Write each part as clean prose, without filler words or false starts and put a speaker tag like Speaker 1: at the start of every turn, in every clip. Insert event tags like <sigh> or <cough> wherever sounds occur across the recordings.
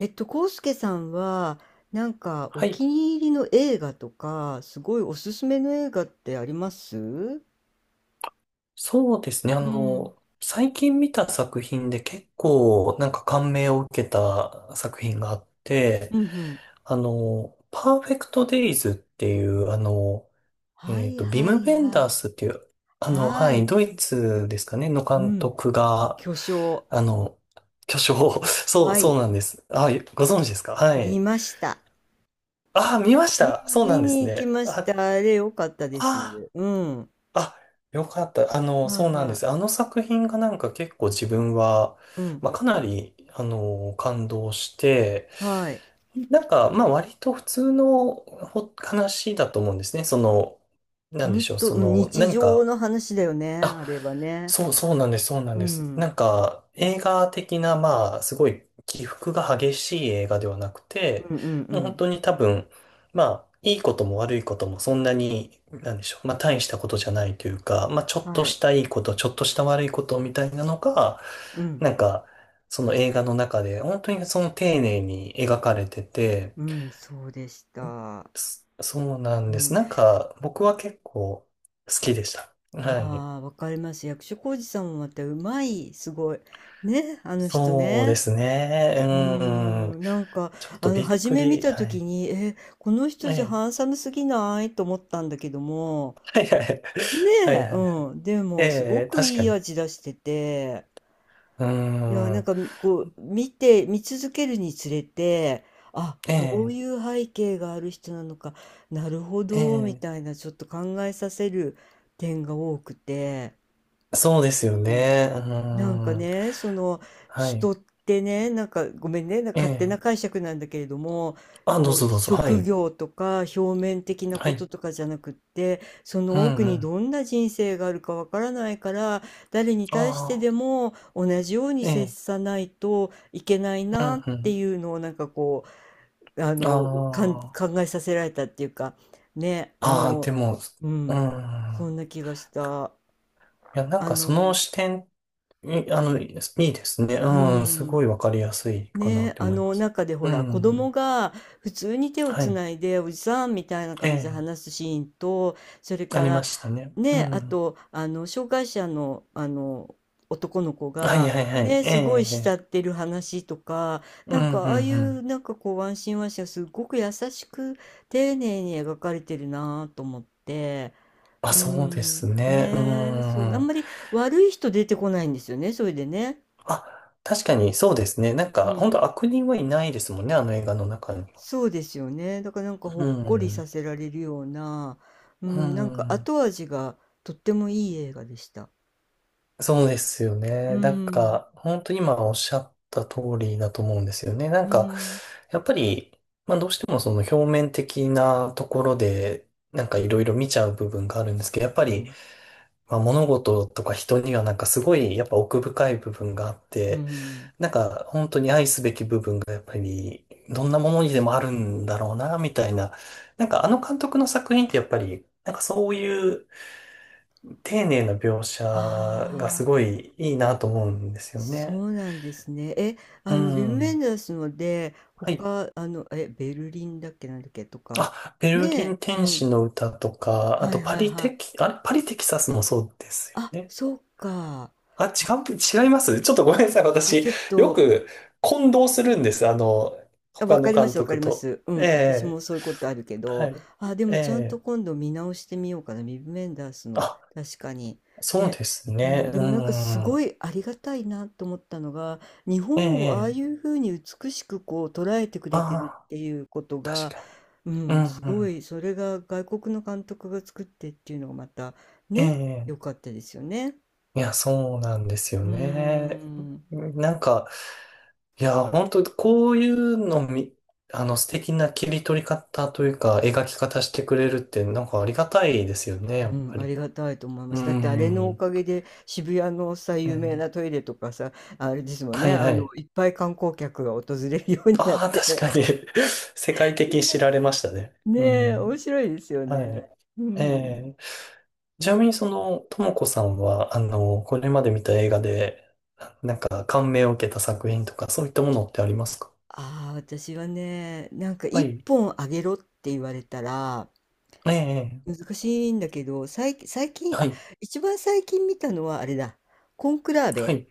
Speaker 1: 康介さんは、なんかお
Speaker 2: はい。
Speaker 1: 気に入りの映画とか、すごいおすすめの映画ってあります。うん
Speaker 2: そうですね。
Speaker 1: うん。
Speaker 2: 最近見た作品で結構なんか感銘を受けた作品があって、
Speaker 1: うん。
Speaker 2: パーフェクトデイズっていう、
Speaker 1: はい
Speaker 2: ビ
Speaker 1: は
Speaker 2: ム・
Speaker 1: い
Speaker 2: ベン
Speaker 1: は
Speaker 2: ダー
Speaker 1: い。
Speaker 2: スっていう、は
Speaker 1: は
Speaker 2: い、
Speaker 1: い。
Speaker 2: ドイツですかね、の
Speaker 1: う
Speaker 2: 監
Speaker 1: ん。
Speaker 2: 督が、
Speaker 1: 巨匠。
Speaker 2: あの、巨匠を、<laughs> そう、
Speaker 1: は
Speaker 2: そ
Speaker 1: い。
Speaker 2: うなんです。あ、ご存知ですか？は
Speaker 1: 見
Speaker 2: い。
Speaker 1: ました。
Speaker 2: あ、見まし
Speaker 1: う
Speaker 2: た。
Speaker 1: ん、
Speaker 2: そうな
Speaker 1: 見
Speaker 2: んです
Speaker 1: に行き
Speaker 2: ね。
Speaker 1: まし
Speaker 2: あ、
Speaker 1: た。あれ、良かったで
Speaker 2: あ
Speaker 1: す。うん。
Speaker 2: あ、よかった。
Speaker 1: はい
Speaker 2: そうなんで
Speaker 1: は
Speaker 2: す。あの作品がなんか結構自分は、
Speaker 1: い。うん。
Speaker 2: まあ、かなり、感動して、
Speaker 1: はい。
Speaker 2: なんか、まあ、割と普通の話だと思うんですね。その、なん
Speaker 1: ほ
Speaker 2: で
Speaker 1: ん
Speaker 2: しょう、
Speaker 1: と、
Speaker 2: そ
Speaker 1: うん、
Speaker 2: の、
Speaker 1: 日
Speaker 2: 何
Speaker 1: 常
Speaker 2: か、
Speaker 1: の話だよね。あれはね。
Speaker 2: そう、そうなんです、そうなん
Speaker 1: う
Speaker 2: です。な
Speaker 1: ん。
Speaker 2: んか、映画的な、まあ、すごい起伏が激しい映画ではなくて、
Speaker 1: うんうんう
Speaker 2: もう本
Speaker 1: ん。
Speaker 2: 当に多分、まあ、いいことも悪いこともそんなに、なんでしょう、まあ、大したことじゃないというか、まあ、ちょっと
Speaker 1: は
Speaker 2: し
Speaker 1: い。
Speaker 2: たいいこと、ちょっとした悪いことみたいなのが、
Speaker 1: うん。
Speaker 2: なんか、その映画の中で、本当にその丁寧に描かれてて、
Speaker 1: うん、そうでした。
Speaker 2: そうなん
Speaker 1: う
Speaker 2: です。
Speaker 1: ん、
Speaker 2: なんか、僕は結構好きでした。はい。
Speaker 1: ああ、わかります。役所広司さんもまたうまい、すごい。ね、あの人
Speaker 2: そうで
Speaker 1: ね。
Speaker 2: すね。
Speaker 1: うー
Speaker 2: うん。
Speaker 1: ん、なんか、
Speaker 2: ちょっとびっ
Speaker 1: 初
Speaker 2: く
Speaker 1: め見
Speaker 2: り。
Speaker 1: たと
Speaker 2: は
Speaker 1: き
Speaker 2: い。
Speaker 1: に、え、この人
Speaker 2: え
Speaker 1: じゃハ
Speaker 2: え。
Speaker 1: ンサムすぎないと思ったんだけども、
Speaker 2: はいはい。
Speaker 1: ね
Speaker 2: はい
Speaker 1: え、
Speaker 2: はいはい。
Speaker 1: うん、で
Speaker 2: え
Speaker 1: も、すご
Speaker 2: え、
Speaker 1: く
Speaker 2: 確
Speaker 1: い
Speaker 2: か
Speaker 1: い
Speaker 2: に。
Speaker 1: 味出してて、
Speaker 2: う
Speaker 1: いや、なん
Speaker 2: ん。
Speaker 1: か、こう、見て、見続けるにつれて、あ、
Speaker 2: え
Speaker 1: こう
Speaker 2: え、
Speaker 1: いう背景がある人なのか、なるほ
Speaker 2: え
Speaker 1: ど、みたい
Speaker 2: え。
Speaker 1: な、ちょっと考えさせる点が多くて、
Speaker 2: そうで
Speaker 1: う
Speaker 2: すよ
Speaker 1: ん、
Speaker 2: ね。う
Speaker 1: なんか
Speaker 2: ん。
Speaker 1: ね、その
Speaker 2: はい。
Speaker 1: 人ってね、なんかごめんね、なん
Speaker 2: え
Speaker 1: か勝手な
Speaker 2: え。
Speaker 1: 解釈なんだけれども、
Speaker 2: あ、どう
Speaker 1: こ
Speaker 2: ぞ
Speaker 1: う
Speaker 2: どうぞ。は
Speaker 1: 職
Speaker 2: い。
Speaker 1: 業とか表面的な
Speaker 2: は
Speaker 1: こと
Speaker 2: い。
Speaker 1: とかじゃなくって、そ
Speaker 2: う
Speaker 1: の奥
Speaker 2: んう
Speaker 1: に
Speaker 2: ん。
Speaker 1: どんな人生があるかわからないから、誰に
Speaker 2: あ
Speaker 1: 対してで
Speaker 2: あ。
Speaker 1: も同じように
Speaker 2: え
Speaker 1: 接
Speaker 2: え。
Speaker 1: さないといけない
Speaker 2: う
Speaker 1: なっ
Speaker 2: んう
Speaker 1: て
Speaker 2: ん。
Speaker 1: いうのをなんかこう、
Speaker 2: あ
Speaker 1: 考えさせられたっていうか、ね、
Speaker 2: あ。ああ、でも、
Speaker 1: う
Speaker 2: う
Speaker 1: ん、
Speaker 2: ん。
Speaker 1: そんな気がした。
Speaker 2: いや、なん
Speaker 1: あ
Speaker 2: かその
Speaker 1: の、
Speaker 2: 視点、
Speaker 1: うん、
Speaker 2: いいですいいですね。
Speaker 1: う
Speaker 2: うん、す
Speaker 1: ん。
Speaker 2: ごいわかりやすいかな
Speaker 1: ね
Speaker 2: っ
Speaker 1: え、
Speaker 2: て
Speaker 1: あ
Speaker 2: 思いま
Speaker 1: の
Speaker 2: す。
Speaker 1: 中でほ
Speaker 2: う
Speaker 1: ら子供
Speaker 2: ん、
Speaker 1: が普通に手を
Speaker 2: は
Speaker 1: つ
Speaker 2: い。
Speaker 1: ないでおじさんみたいな
Speaker 2: え
Speaker 1: 感じで
Speaker 2: え、
Speaker 1: 話すシーンとそれ
Speaker 2: あ
Speaker 1: か
Speaker 2: りま
Speaker 1: ら、
Speaker 2: したね。
Speaker 1: ね
Speaker 2: う
Speaker 1: え、あ
Speaker 2: ん。
Speaker 1: と、あの障害者の、あの男の子
Speaker 2: はい
Speaker 1: が
Speaker 2: はいはい。
Speaker 1: ねえ、
Speaker 2: え
Speaker 1: すごい
Speaker 2: え、ええ
Speaker 1: 慕ってる話とか、
Speaker 2: う
Speaker 1: な
Speaker 2: ん、
Speaker 1: んか
Speaker 2: う
Speaker 1: あ
Speaker 2: ん、
Speaker 1: あい
Speaker 2: う
Speaker 1: う
Speaker 2: ん。
Speaker 1: なんかこうワンシーンワンシーンがすごく優しく丁寧に描かれてるなと思って、
Speaker 2: あ、
Speaker 1: う
Speaker 2: そうで
Speaker 1: ん、
Speaker 2: すね。う
Speaker 1: ねえ、そうあん
Speaker 2: ん。
Speaker 1: まり悪い人出てこないんですよね、それでね。
Speaker 2: あ、確かにそうですね。なん
Speaker 1: う
Speaker 2: か、本
Speaker 1: ん、
Speaker 2: 当悪人はいないですもんね、あの映画の中には。
Speaker 1: そうですよね。だからなんかほ
Speaker 2: う
Speaker 1: っこりさ
Speaker 2: ん、
Speaker 1: せられるような、う
Speaker 2: う
Speaker 1: ん、なんか
Speaker 2: ん。
Speaker 1: 後味がとってもいい映画でした。
Speaker 2: そうですよ
Speaker 1: うー
Speaker 2: ね。なん
Speaker 1: ん、
Speaker 2: か、本当に今おっしゃった通りだと思うんですよね。な
Speaker 1: う
Speaker 2: ん
Speaker 1: ー
Speaker 2: か、
Speaker 1: ん、
Speaker 2: やっぱり、まあどうしてもその表面的なところで、なんかいろいろ見ちゃう部分があるんですけど、やっ
Speaker 1: う
Speaker 2: ぱり、
Speaker 1: ん、
Speaker 2: まあ物事とか人にはなんかすごいやっぱ奥深い部分があっ
Speaker 1: うー
Speaker 2: て、
Speaker 1: ん。
Speaker 2: なんか本当に愛すべき部分がやっぱり、どんなものにでもあるんだろうな、みたいな。なんかあの監督の作品ってやっぱり、なんかそういう丁寧な描写がす
Speaker 1: ああ、
Speaker 2: ごいいいなと思うんですよ
Speaker 1: そ
Speaker 2: ね。
Speaker 1: うなんですね。え、
Speaker 2: う
Speaker 1: ビム・ベ
Speaker 2: ん。
Speaker 1: ンダースので、
Speaker 2: はい。
Speaker 1: 他、え、ベルリンだっけなんだっけとか、
Speaker 2: あ、ベルリ
Speaker 1: ねえ、
Speaker 2: ン天
Speaker 1: う
Speaker 2: 使
Speaker 1: ん、
Speaker 2: の歌とか、あ
Speaker 1: は
Speaker 2: と
Speaker 1: い
Speaker 2: パ
Speaker 1: はい
Speaker 2: リ
Speaker 1: は
Speaker 2: テ
Speaker 1: い。
Speaker 2: キ、あれ、パリテキサスもそうですよ
Speaker 1: あ、
Speaker 2: ね。
Speaker 1: そうか。
Speaker 2: あ、
Speaker 1: あ、
Speaker 2: う、違いますちょっとごめんなさい。私、
Speaker 1: ちょっ
Speaker 2: よ
Speaker 1: と、
Speaker 2: く混同するんです。
Speaker 1: あ、
Speaker 2: 他
Speaker 1: わか
Speaker 2: の
Speaker 1: りま
Speaker 2: 監
Speaker 1: す、わか
Speaker 2: 督
Speaker 1: りま
Speaker 2: と。
Speaker 1: す。う
Speaker 2: え
Speaker 1: ん、私も
Speaker 2: え、
Speaker 1: そういうことあるけ
Speaker 2: は
Speaker 1: ど、
Speaker 2: い。
Speaker 1: あ、で
Speaker 2: え
Speaker 1: もちゃんと
Speaker 2: え、
Speaker 1: 今度見直してみようかな、ビブメンダースの、
Speaker 2: あ、
Speaker 1: 確かに。
Speaker 2: そう
Speaker 1: ね。
Speaker 2: です
Speaker 1: う
Speaker 2: ね。
Speaker 1: ん、で
Speaker 2: う
Speaker 1: もなんかすご
Speaker 2: ん。
Speaker 1: いありがたいなと思ったのが、日
Speaker 2: え
Speaker 1: 本をああ
Speaker 2: え、
Speaker 1: いうふうに美しくこう捉えてく
Speaker 2: あ
Speaker 1: れてるっ
Speaker 2: あ、
Speaker 1: ていうこと
Speaker 2: 確
Speaker 1: が、
Speaker 2: か
Speaker 1: う
Speaker 2: に。う
Speaker 1: ん、
Speaker 2: ん、
Speaker 1: す
Speaker 2: う
Speaker 1: ご
Speaker 2: ん。
Speaker 1: い、それが外国の監督が作ってっていうのがまた、
Speaker 2: え
Speaker 1: ね、良か
Speaker 2: え
Speaker 1: ったですよね。
Speaker 2: いや、そうなんですよ
Speaker 1: うー
Speaker 2: ね。
Speaker 1: ん。
Speaker 2: なんか、いや、本当こういうのみ、素敵な切り取り方というか、描き方してくれるって、なんかありがたいですよね、や
Speaker 1: う
Speaker 2: っ
Speaker 1: ん、
Speaker 2: ぱ
Speaker 1: あ
Speaker 2: り。
Speaker 1: りがたいと思いま
Speaker 2: う
Speaker 1: す。だってあれのお
Speaker 2: ん。
Speaker 1: かげで渋谷のさ、
Speaker 2: う
Speaker 1: 有名
Speaker 2: ん
Speaker 1: なトイレとかさ、あれですもん
Speaker 2: は
Speaker 1: ね、
Speaker 2: いはい。
Speaker 1: いっぱい観光客が訪れるようになっ
Speaker 2: ああ、確
Speaker 1: て。
Speaker 2: かに <laughs> 世界的に知
Speaker 1: <laughs>
Speaker 2: られましたね。う
Speaker 1: ねえ、面
Speaker 2: ん。
Speaker 1: 白いですよ
Speaker 2: は
Speaker 1: ね。
Speaker 2: い。
Speaker 1: う
Speaker 2: え
Speaker 1: ん。
Speaker 2: えちなみにともこさんは、これまで見た映画で、なんか感銘を受けた作品とか、そういったものってありますか？
Speaker 1: ああ、私はね、なんか
Speaker 2: は
Speaker 1: 一
Speaker 2: い。
Speaker 1: 本あげろって言われたら
Speaker 2: えええ
Speaker 1: 難しいんだけど、最近、
Speaker 2: は
Speaker 1: あ、
Speaker 2: い。
Speaker 1: 一番最近見たのはあれだ、コンクラー
Speaker 2: は
Speaker 1: ベ、
Speaker 2: い。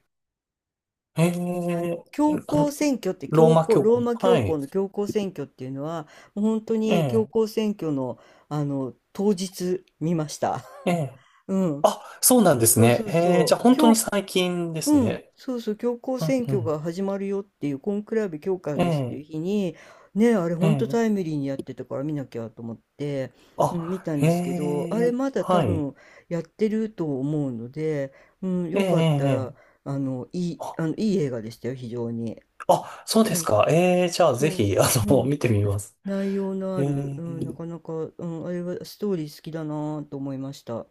Speaker 2: え
Speaker 1: あの
Speaker 2: え、
Speaker 1: 教
Speaker 2: あの
Speaker 1: 皇選挙って
Speaker 2: ロー
Speaker 1: 教
Speaker 2: マ
Speaker 1: 皇
Speaker 2: 教
Speaker 1: ロ
Speaker 2: 皇
Speaker 1: ー
Speaker 2: の。
Speaker 1: マ教
Speaker 2: は
Speaker 1: 皇
Speaker 2: い。
Speaker 1: の教皇選挙っていうのはもう本当
Speaker 2: え
Speaker 1: に教
Speaker 2: え、
Speaker 1: 皇選挙の、あの当日見ました。
Speaker 2: ええ。
Speaker 1: <laughs> うん、
Speaker 2: あ、そうなんです
Speaker 1: そう
Speaker 2: ね。
Speaker 1: そう
Speaker 2: ええ、じゃ
Speaker 1: そ
Speaker 2: あ
Speaker 1: う、
Speaker 2: 本当に最近です
Speaker 1: うん、
Speaker 2: ね。
Speaker 1: そうそう教皇
Speaker 2: うん、
Speaker 1: 選
Speaker 2: う
Speaker 1: 挙
Speaker 2: ん。
Speaker 1: が始まるよっていうコンクラベ教化
Speaker 2: え
Speaker 1: ですってい
Speaker 2: え、
Speaker 1: う日にね、あれ
Speaker 2: え
Speaker 1: 本当タイ
Speaker 2: え。
Speaker 1: ムリーにやってたから見なきゃと思って、う
Speaker 2: あ、
Speaker 1: ん、見たん
Speaker 2: え
Speaker 1: ですけどあれ
Speaker 2: え、
Speaker 1: まだ多
Speaker 2: はい。
Speaker 1: 分やってると思うので、うん、
Speaker 2: ええ、
Speaker 1: よかったら、
Speaker 2: ええ。
Speaker 1: あのいい、
Speaker 2: あ、
Speaker 1: あのいい映画でしたよ非常に。
Speaker 2: あそうで
Speaker 1: う
Speaker 2: す
Speaker 1: ん、
Speaker 2: か。ええ、じゃあぜ
Speaker 1: そ
Speaker 2: ひ、
Speaker 1: う、う
Speaker 2: <laughs>
Speaker 1: ん、
Speaker 2: 見てみます。
Speaker 1: 内容の
Speaker 2: え
Speaker 1: ある、う
Speaker 2: え、
Speaker 1: ん、なかなか、うん、あれはストーリー好きだなと思いました。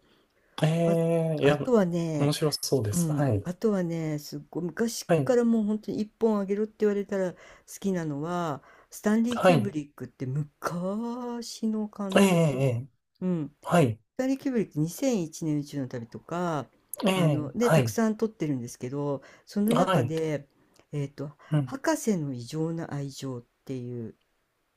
Speaker 2: え
Speaker 1: あ、
Speaker 2: え、い
Speaker 1: あ
Speaker 2: や、
Speaker 1: とは
Speaker 2: 面
Speaker 1: ね、
Speaker 2: 白そうで
Speaker 1: う
Speaker 2: す。
Speaker 1: ん、
Speaker 2: はい。
Speaker 1: あとはね、すっごい昔
Speaker 2: はい。
Speaker 1: からもう本当に一本あげろって言われたら好きなのは、スタンリー・
Speaker 2: は
Speaker 1: キューブ
Speaker 2: い。
Speaker 1: リックって昔の監
Speaker 2: ええ、
Speaker 1: 督。
Speaker 2: ええ。
Speaker 1: うん、
Speaker 2: はい。
Speaker 1: スタンリー・キューブリック2001年宇宙の旅とか、
Speaker 2: ええ、
Speaker 1: で、
Speaker 2: は
Speaker 1: たく
Speaker 2: い。
Speaker 1: さん撮ってるんですけど、その
Speaker 2: は
Speaker 1: 中
Speaker 2: い。
Speaker 1: で、えっと、
Speaker 2: うん
Speaker 1: 博士の異常な愛情っていう、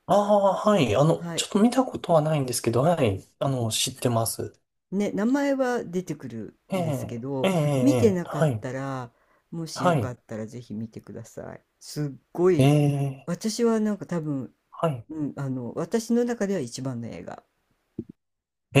Speaker 2: ああ、はい。
Speaker 1: は
Speaker 2: ち
Speaker 1: い、
Speaker 2: ょっと見たことはないんですけど、はい。知ってます。
Speaker 1: ね、名前は出てくる
Speaker 2: え
Speaker 1: んですけ
Speaker 2: え、え
Speaker 1: ど、
Speaker 2: え、
Speaker 1: 見て
Speaker 2: ええ、
Speaker 1: なかっ
Speaker 2: はい。
Speaker 1: たら、もしよ
Speaker 2: は
Speaker 1: か
Speaker 2: い。
Speaker 1: ったらぜひ見てください。すっご
Speaker 2: え
Speaker 1: い、
Speaker 2: え、
Speaker 1: 私はなんか多分、
Speaker 2: はい。
Speaker 1: うん、私の中では一番の映画。
Speaker 2: え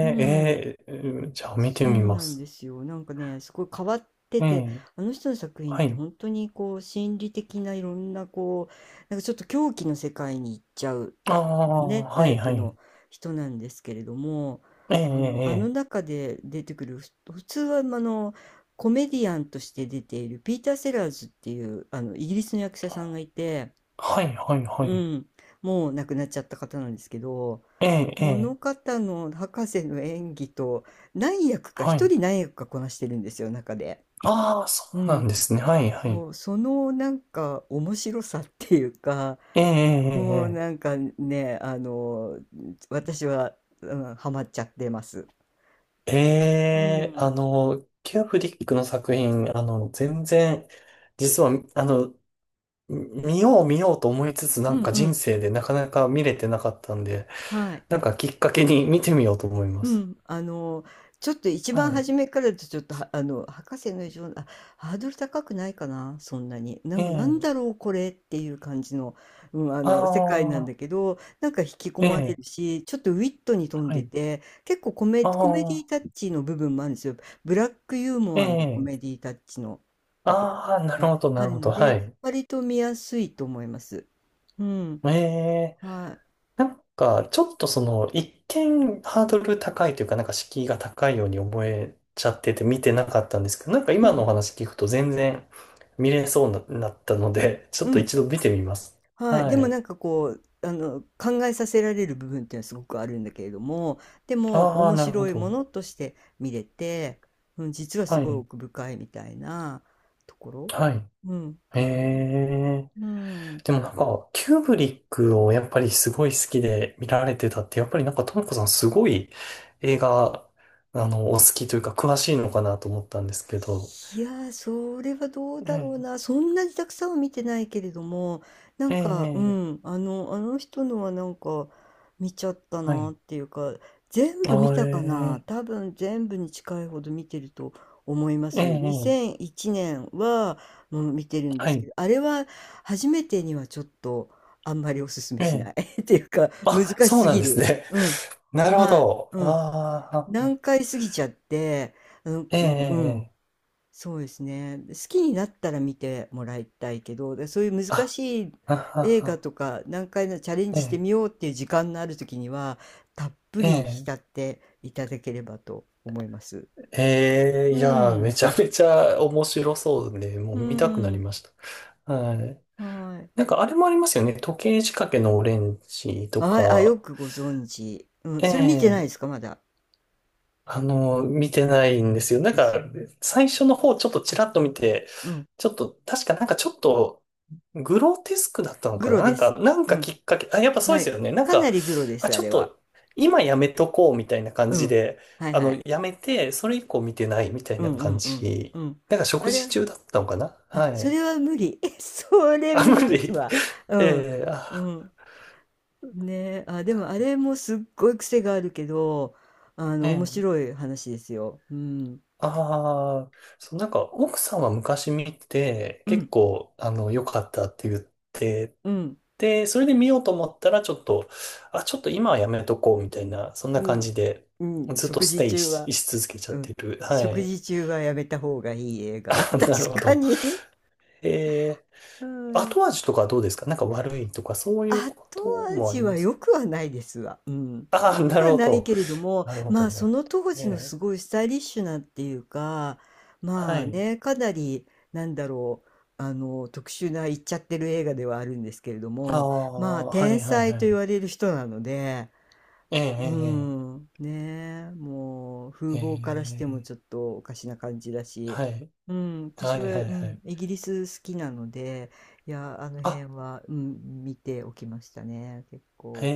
Speaker 1: うん、
Speaker 2: ええ、うんじゃあ見て
Speaker 1: そ
Speaker 2: み
Speaker 1: う
Speaker 2: ま
Speaker 1: なんで
Speaker 2: す。
Speaker 1: すよ。なんかね、すごい変わって
Speaker 2: え
Speaker 1: て、
Speaker 2: え、
Speaker 1: あの人の作品っ
Speaker 2: は
Speaker 1: て
Speaker 2: い。
Speaker 1: 本当にこう、心理的ないろんなこう、なんかちょっと狂気の世界に行っちゃう
Speaker 2: あ
Speaker 1: ね、
Speaker 2: あ、は
Speaker 1: タ
Speaker 2: い、
Speaker 1: イ
Speaker 2: は
Speaker 1: プ
Speaker 2: い。
Speaker 1: の人なんですけれども、
Speaker 2: ええ、
Speaker 1: あの
Speaker 2: ええ、
Speaker 1: 中で出てくる、普通はま、あのコメディアンとして出ているピーター・セラーズっていうあのイギリスの役者さんがいて、
Speaker 2: はい、はい、は
Speaker 1: う
Speaker 2: い。
Speaker 1: ん、もう亡くなっちゃった方なんですけど、
Speaker 2: ええ、え
Speaker 1: こ
Speaker 2: え、
Speaker 1: の方の博士の演技と、何役か、
Speaker 2: は
Speaker 1: 一
Speaker 2: い。
Speaker 1: 人何役かこなしてるんですよ中で。
Speaker 2: ああ、そ
Speaker 1: う
Speaker 2: うなん
Speaker 1: ん、
Speaker 2: ですね。はい、はい。
Speaker 1: そう、そのなんか面白さっていうか、
Speaker 2: ええ、
Speaker 1: もう
Speaker 2: え
Speaker 1: なんかね、私は、うん、ハマっちゃってます。
Speaker 2: え、ええ、
Speaker 1: う
Speaker 2: ええ
Speaker 1: ん。
Speaker 2: キューブリックの作品、全然、実は、見よう見ようと思いつつ、な
Speaker 1: う
Speaker 2: ん
Speaker 1: ん
Speaker 2: か
Speaker 1: う
Speaker 2: 人
Speaker 1: ん。
Speaker 2: 生でなかなか見れてなかったんで、
Speaker 1: はい。
Speaker 2: なんかきっかけに見てみようと思いま
Speaker 1: う
Speaker 2: す。
Speaker 1: ん、ちょっと一番
Speaker 2: はい。
Speaker 1: 初めからだとちょっと、はあの、博士の異常な、あ、ハードル高くないかな、そんなに。な
Speaker 2: え
Speaker 1: んか、なん
Speaker 2: え。
Speaker 1: だろう、これっていう感じの、うん、
Speaker 2: あ
Speaker 1: 世界なんだ
Speaker 2: あ、
Speaker 1: けど、なんか引き込
Speaker 2: え
Speaker 1: まれ
Speaker 2: え。
Speaker 1: るし、ちょっとウィットに富ん
Speaker 2: は
Speaker 1: で
Speaker 2: い。
Speaker 1: て、結構コメディ
Speaker 2: あ
Speaker 1: タ
Speaker 2: あ、
Speaker 1: ッチの部分もあるんですよ。ブラックユー
Speaker 2: え
Speaker 1: モアのコメ
Speaker 2: え。
Speaker 1: ディタッチのところ
Speaker 2: ああ、なる
Speaker 1: が
Speaker 2: ほど、な
Speaker 1: あ
Speaker 2: る
Speaker 1: る
Speaker 2: ほ
Speaker 1: の
Speaker 2: ど。は
Speaker 1: で、
Speaker 2: い。
Speaker 1: 割と見やすいと思います。うん、
Speaker 2: ええ。
Speaker 1: は
Speaker 2: なんか、ちょっと一見ハードル高いというか、なんか敷居が高いように思えちゃってて見てなかったんですけど、なんか
Speaker 1: い。う
Speaker 2: 今の
Speaker 1: ん、
Speaker 2: お話聞くと全然見れそうにななったので、ちょ
Speaker 1: う
Speaker 2: っと
Speaker 1: ん。
Speaker 2: 一度見てみます。
Speaker 1: はい、
Speaker 2: は
Speaker 1: でもな
Speaker 2: い。
Speaker 1: んかこう、考えさせられる部分っていうのはすごくあるんだけれども、でも
Speaker 2: ああ、
Speaker 1: 面
Speaker 2: なるほ
Speaker 1: 白いも
Speaker 2: ど。
Speaker 1: のとして見れて、うん、実はす
Speaker 2: は
Speaker 1: ごい
Speaker 2: い。
Speaker 1: 奥深いみたいなところ、
Speaker 2: はい。
Speaker 1: うん、
Speaker 2: へ
Speaker 1: があります。
Speaker 2: え。
Speaker 1: うん。
Speaker 2: でもなんか、キューブリックをやっぱりすごい好きで見られてたって、やっぱりなんか、ともこさんすごい映画、お好きというか、詳しいのかなと思ったんですけど。
Speaker 1: いやー、それはどう
Speaker 2: え
Speaker 1: だろう
Speaker 2: え、
Speaker 1: な。そんなにたくさんは見てないけれども、なん
Speaker 2: ええ、
Speaker 1: か、う
Speaker 2: ええ
Speaker 1: ん、あの人のはなんか見ちゃった
Speaker 2: は
Speaker 1: なっ
Speaker 2: い。
Speaker 1: ていうか、全
Speaker 2: あ
Speaker 1: 部見たかな。
Speaker 2: ええ、
Speaker 1: 多分全部に近いほど見てると思いま
Speaker 2: え
Speaker 1: す。
Speaker 2: え、
Speaker 1: 2001年はもう見てるんで
Speaker 2: は
Speaker 1: すけ
Speaker 2: い。
Speaker 1: ど、あれは初めてにはちょっとあんまりおすすめ
Speaker 2: え
Speaker 1: しな
Speaker 2: え。
Speaker 1: い <laughs> っていうか、難
Speaker 2: あ、
Speaker 1: し
Speaker 2: そう
Speaker 1: す
Speaker 2: なん
Speaker 1: ぎ
Speaker 2: です
Speaker 1: る。
Speaker 2: ね。
Speaker 1: うん。
Speaker 2: <laughs> なるほ
Speaker 1: はい。
Speaker 2: ど。
Speaker 1: うん。
Speaker 2: ああ、
Speaker 1: 難解すぎちゃって、あ
Speaker 2: ええ、え
Speaker 1: う
Speaker 2: え、
Speaker 1: ん。
Speaker 2: ええ
Speaker 1: そうですね。で、好きになったら見てもらいたいけど、で、そういう難
Speaker 2: あ、
Speaker 1: しい
Speaker 2: あ、あ、
Speaker 1: 映画
Speaker 2: あ
Speaker 1: とか、何回もチャレンジしてみ
Speaker 2: え
Speaker 1: ようっていう時間のある時には、たっぷ
Speaker 2: え、え
Speaker 1: り
Speaker 2: え。
Speaker 1: 浸っていただければと思います。
Speaker 2: ええ
Speaker 1: う
Speaker 2: いやー、
Speaker 1: ん。
Speaker 2: めちゃめちゃ面白そうで、もう
Speaker 1: う
Speaker 2: 見たくなり
Speaker 1: ん。
Speaker 2: ました。はい。
Speaker 1: はい。
Speaker 2: なんかあれもありますよね。時計仕掛けのオレンジと
Speaker 1: ああ、
Speaker 2: か。
Speaker 1: よくご存知。うん。それ見てない
Speaker 2: え
Speaker 1: で
Speaker 2: え
Speaker 1: すか、まだ。
Speaker 2: 見てないんですよ。なん
Speaker 1: です
Speaker 2: か、
Speaker 1: よね。
Speaker 2: 最初の方ちょっとちらっと見て、
Speaker 1: うん。
Speaker 2: ちょっと、確かなんかちょっと、グロテスクだったの
Speaker 1: グ
Speaker 2: かな？
Speaker 1: ロ
Speaker 2: な
Speaker 1: で
Speaker 2: んか、
Speaker 1: す。
Speaker 2: なん
Speaker 1: う
Speaker 2: か
Speaker 1: ん。
Speaker 2: きっかけ、あ、やっぱそう
Speaker 1: は
Speaker 2: です
Speaker 1: い。
Speaker 2: よね。なん
Speaker 1: かな
Speaker 2: か、
Speaker 1: りグロで
Speaker 2: あ、
Speaker 1: す、あ
Speaker 2: ちょっ
Speaker 1: れは。
Speaker 2: と、今やめとこうみたいな感
Speaker 1: う
Speaker 2: じ
Speaker 1: ん。
Speaker 2: で、
Speaker 1: はいはい。
Speaker 2: やめて、それ以降見てないみたい
Speaker 1: う
Speaker 2: な
Speaker 1: んうん
Speaker 2: 感
Speaker 1: うん。う
Speaker 2: じ。
Speaker 1: ん。
Speaker 2: なんか
Speaker 1: あ
Speaker 2: 食事
Speaker 1: れ、
Speaker 2: 中だったのかな？
Speaker 1: あ、
Speaker 2: は
Speaker 1: そ
Speaker 2: い。
Speaker 1: れは無理。<laughs> それ
Speaker 2: あ、
Speaker 1: 無
Speaker 2: 無
Speaker 1: 理です
Speaker 2: 理。
Speaker 1: わ。
Speaker 2: <laughs>
Speaker 1: うん。
Speaker 2: ええ
Speaker 1: う
Speaker 2: あ、
Speaker 1: ん。ねえ、あ、でもあれもすっごい癖があるけど、面
Speaker 2: ええ
Speaker 1: 白い話ですよ。うん。
Speaker 2: ああ、そう、なんか奥さんは昔見て、
Speaker 1: う
Speaker 2: 結
Speaker 1: ん。
Speaker 2: 構、良かったって言って、
Speaker 1: うん。
Speaker 2: で、それで見ようと思ったら、ちょっと、あ、ちょっと今はやめとこう、みたいな、そん
Speaker 1: う
Speaker 2: な感
Speaker 1: ん。
Speaker 2: じで、
Speaker 1: うん。
Speaker 2: ずっと
Speaker 1: 食
Speaker 2: ス
Speaker 1: 事
Speaker 2: テイ
Speaker 1: 中
Speaker 2: し、
Speaker 1: は、
Speaker 2: し続けちゃっ
Speaker 1: うん。
Speaker 2: てる。は
Speaker 1: 食
Speaker 2: い。
Speaker 1: 事中はやめた方がいい映
Speaker 2: <laughs>
Speaker 1: 画。
Speaker 2: あ
Speaker 1: <laughs> 確
Speaker 2: なるほ
Speaker 1: か
Speaker 2: ど。
Speaker 1: に。
Speaker 2: え
Speaker 1: <laughs> は
Speaker 2: 後
Speaker 1: い。
Speaker 2: 味とかどうですか？なんか悪いとか、そういうこ
Speaker 1: 後
Speaker 2: ともあ
Speaker 1: 味
Speaker 2: り
Speaker 1: は
Speaker 2: ます？
Speaker 1: 良くはないですわ。うん。
Speaker 2: <laughs>
Speaker 1: 良
Speaker 2: ああ、
Speaker 1: く
Speaker 2: なる
Speaker 1: は
Speaker 2: ほ
Speaker 1: ない
Speaker 2: ど。
Speaker 1: けれども、
Speaker 2: なるほ
Speaker 1: ま
Speaker 2: ど、
Speaker 1: あ、
Speaker 2: な
Speaker 1: そ
Speaker 2: るほ
Speaker 1: の
Speaker 2: ど。
Speaker 1: 当時のす
Speaker 2: え
Speaker 1: ごいスタイリッシュなっていうか、
Speaker 2: ー、は
Speaker 1: まあ
Speaker 2: い。
Speaker 1: ね、かなり、なんだろう、特殊な言っちゃってる映画ではあるんですけれど
Speaker 2: あ
Speaker 1: も、まあ、
Speaker 2: あ、は
Speaker 1: 天
Speaker 2: い、はい、
Speaker 1: 才
Speaker 2: は
Speaker 1: と言
Speaker 2: い。
Speaker 1: われる人なので、
Speaker 2: え
Speaker 1: う
Speaker 2: え
Speaker 1: ん、ねえ、もう風
Speaker 2: えええ
Speaker 1: 貌からし
Speaker 2: え
Speaker 1: ても
Speaker 2: え
Speaker 1: ちょ
Speaker 2: え
Speaker 1: っとおかしな感じだし、
Speaker 2: はい。
Speaker 1: うん、
Speaker 2: は
Speaker 1: 私
Speaker 2: いは
Speaker 1: は、
Speaker 2: い
Speaker 1: う
Speaker 2: は
Speaker 1: ん、
Speaker 2: い。
Speaker 1: イギリス好きなので、いや、あの
Speaker 2: あ、
Speaker 1: 辺は、うん、見ておきましたね、結
Speaker 2: へ
Speaker 1: 構。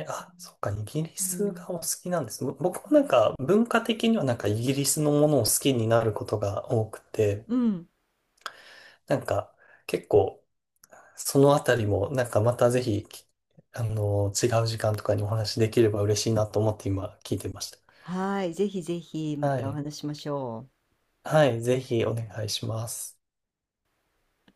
Speaker 2: え、あ、そっか、イギリ
Speaker 1: う
Speaker 2: ス
Speaker 1: ん、
Speaker 2: がお好きなんですね。僕もなんか文化的にはなんかイギリスのものを好きになることが多くて、
Speaker 1: うん、
Speaker 2: なんか結構そのあたりもなんかまたぜひ、きあの、違う時間とかにお話できれば嬉しいなと思って今聞いてまし
Speaker 1: はい、ぜひぜひ
Speaker 2: た。
Speaker 1: ま
Speaker 2: は
Speaker 1: たお
Speaker 2: い。
Speaker 1: 話ししましょう。
Speaker 2: はい、ぜひお願いします。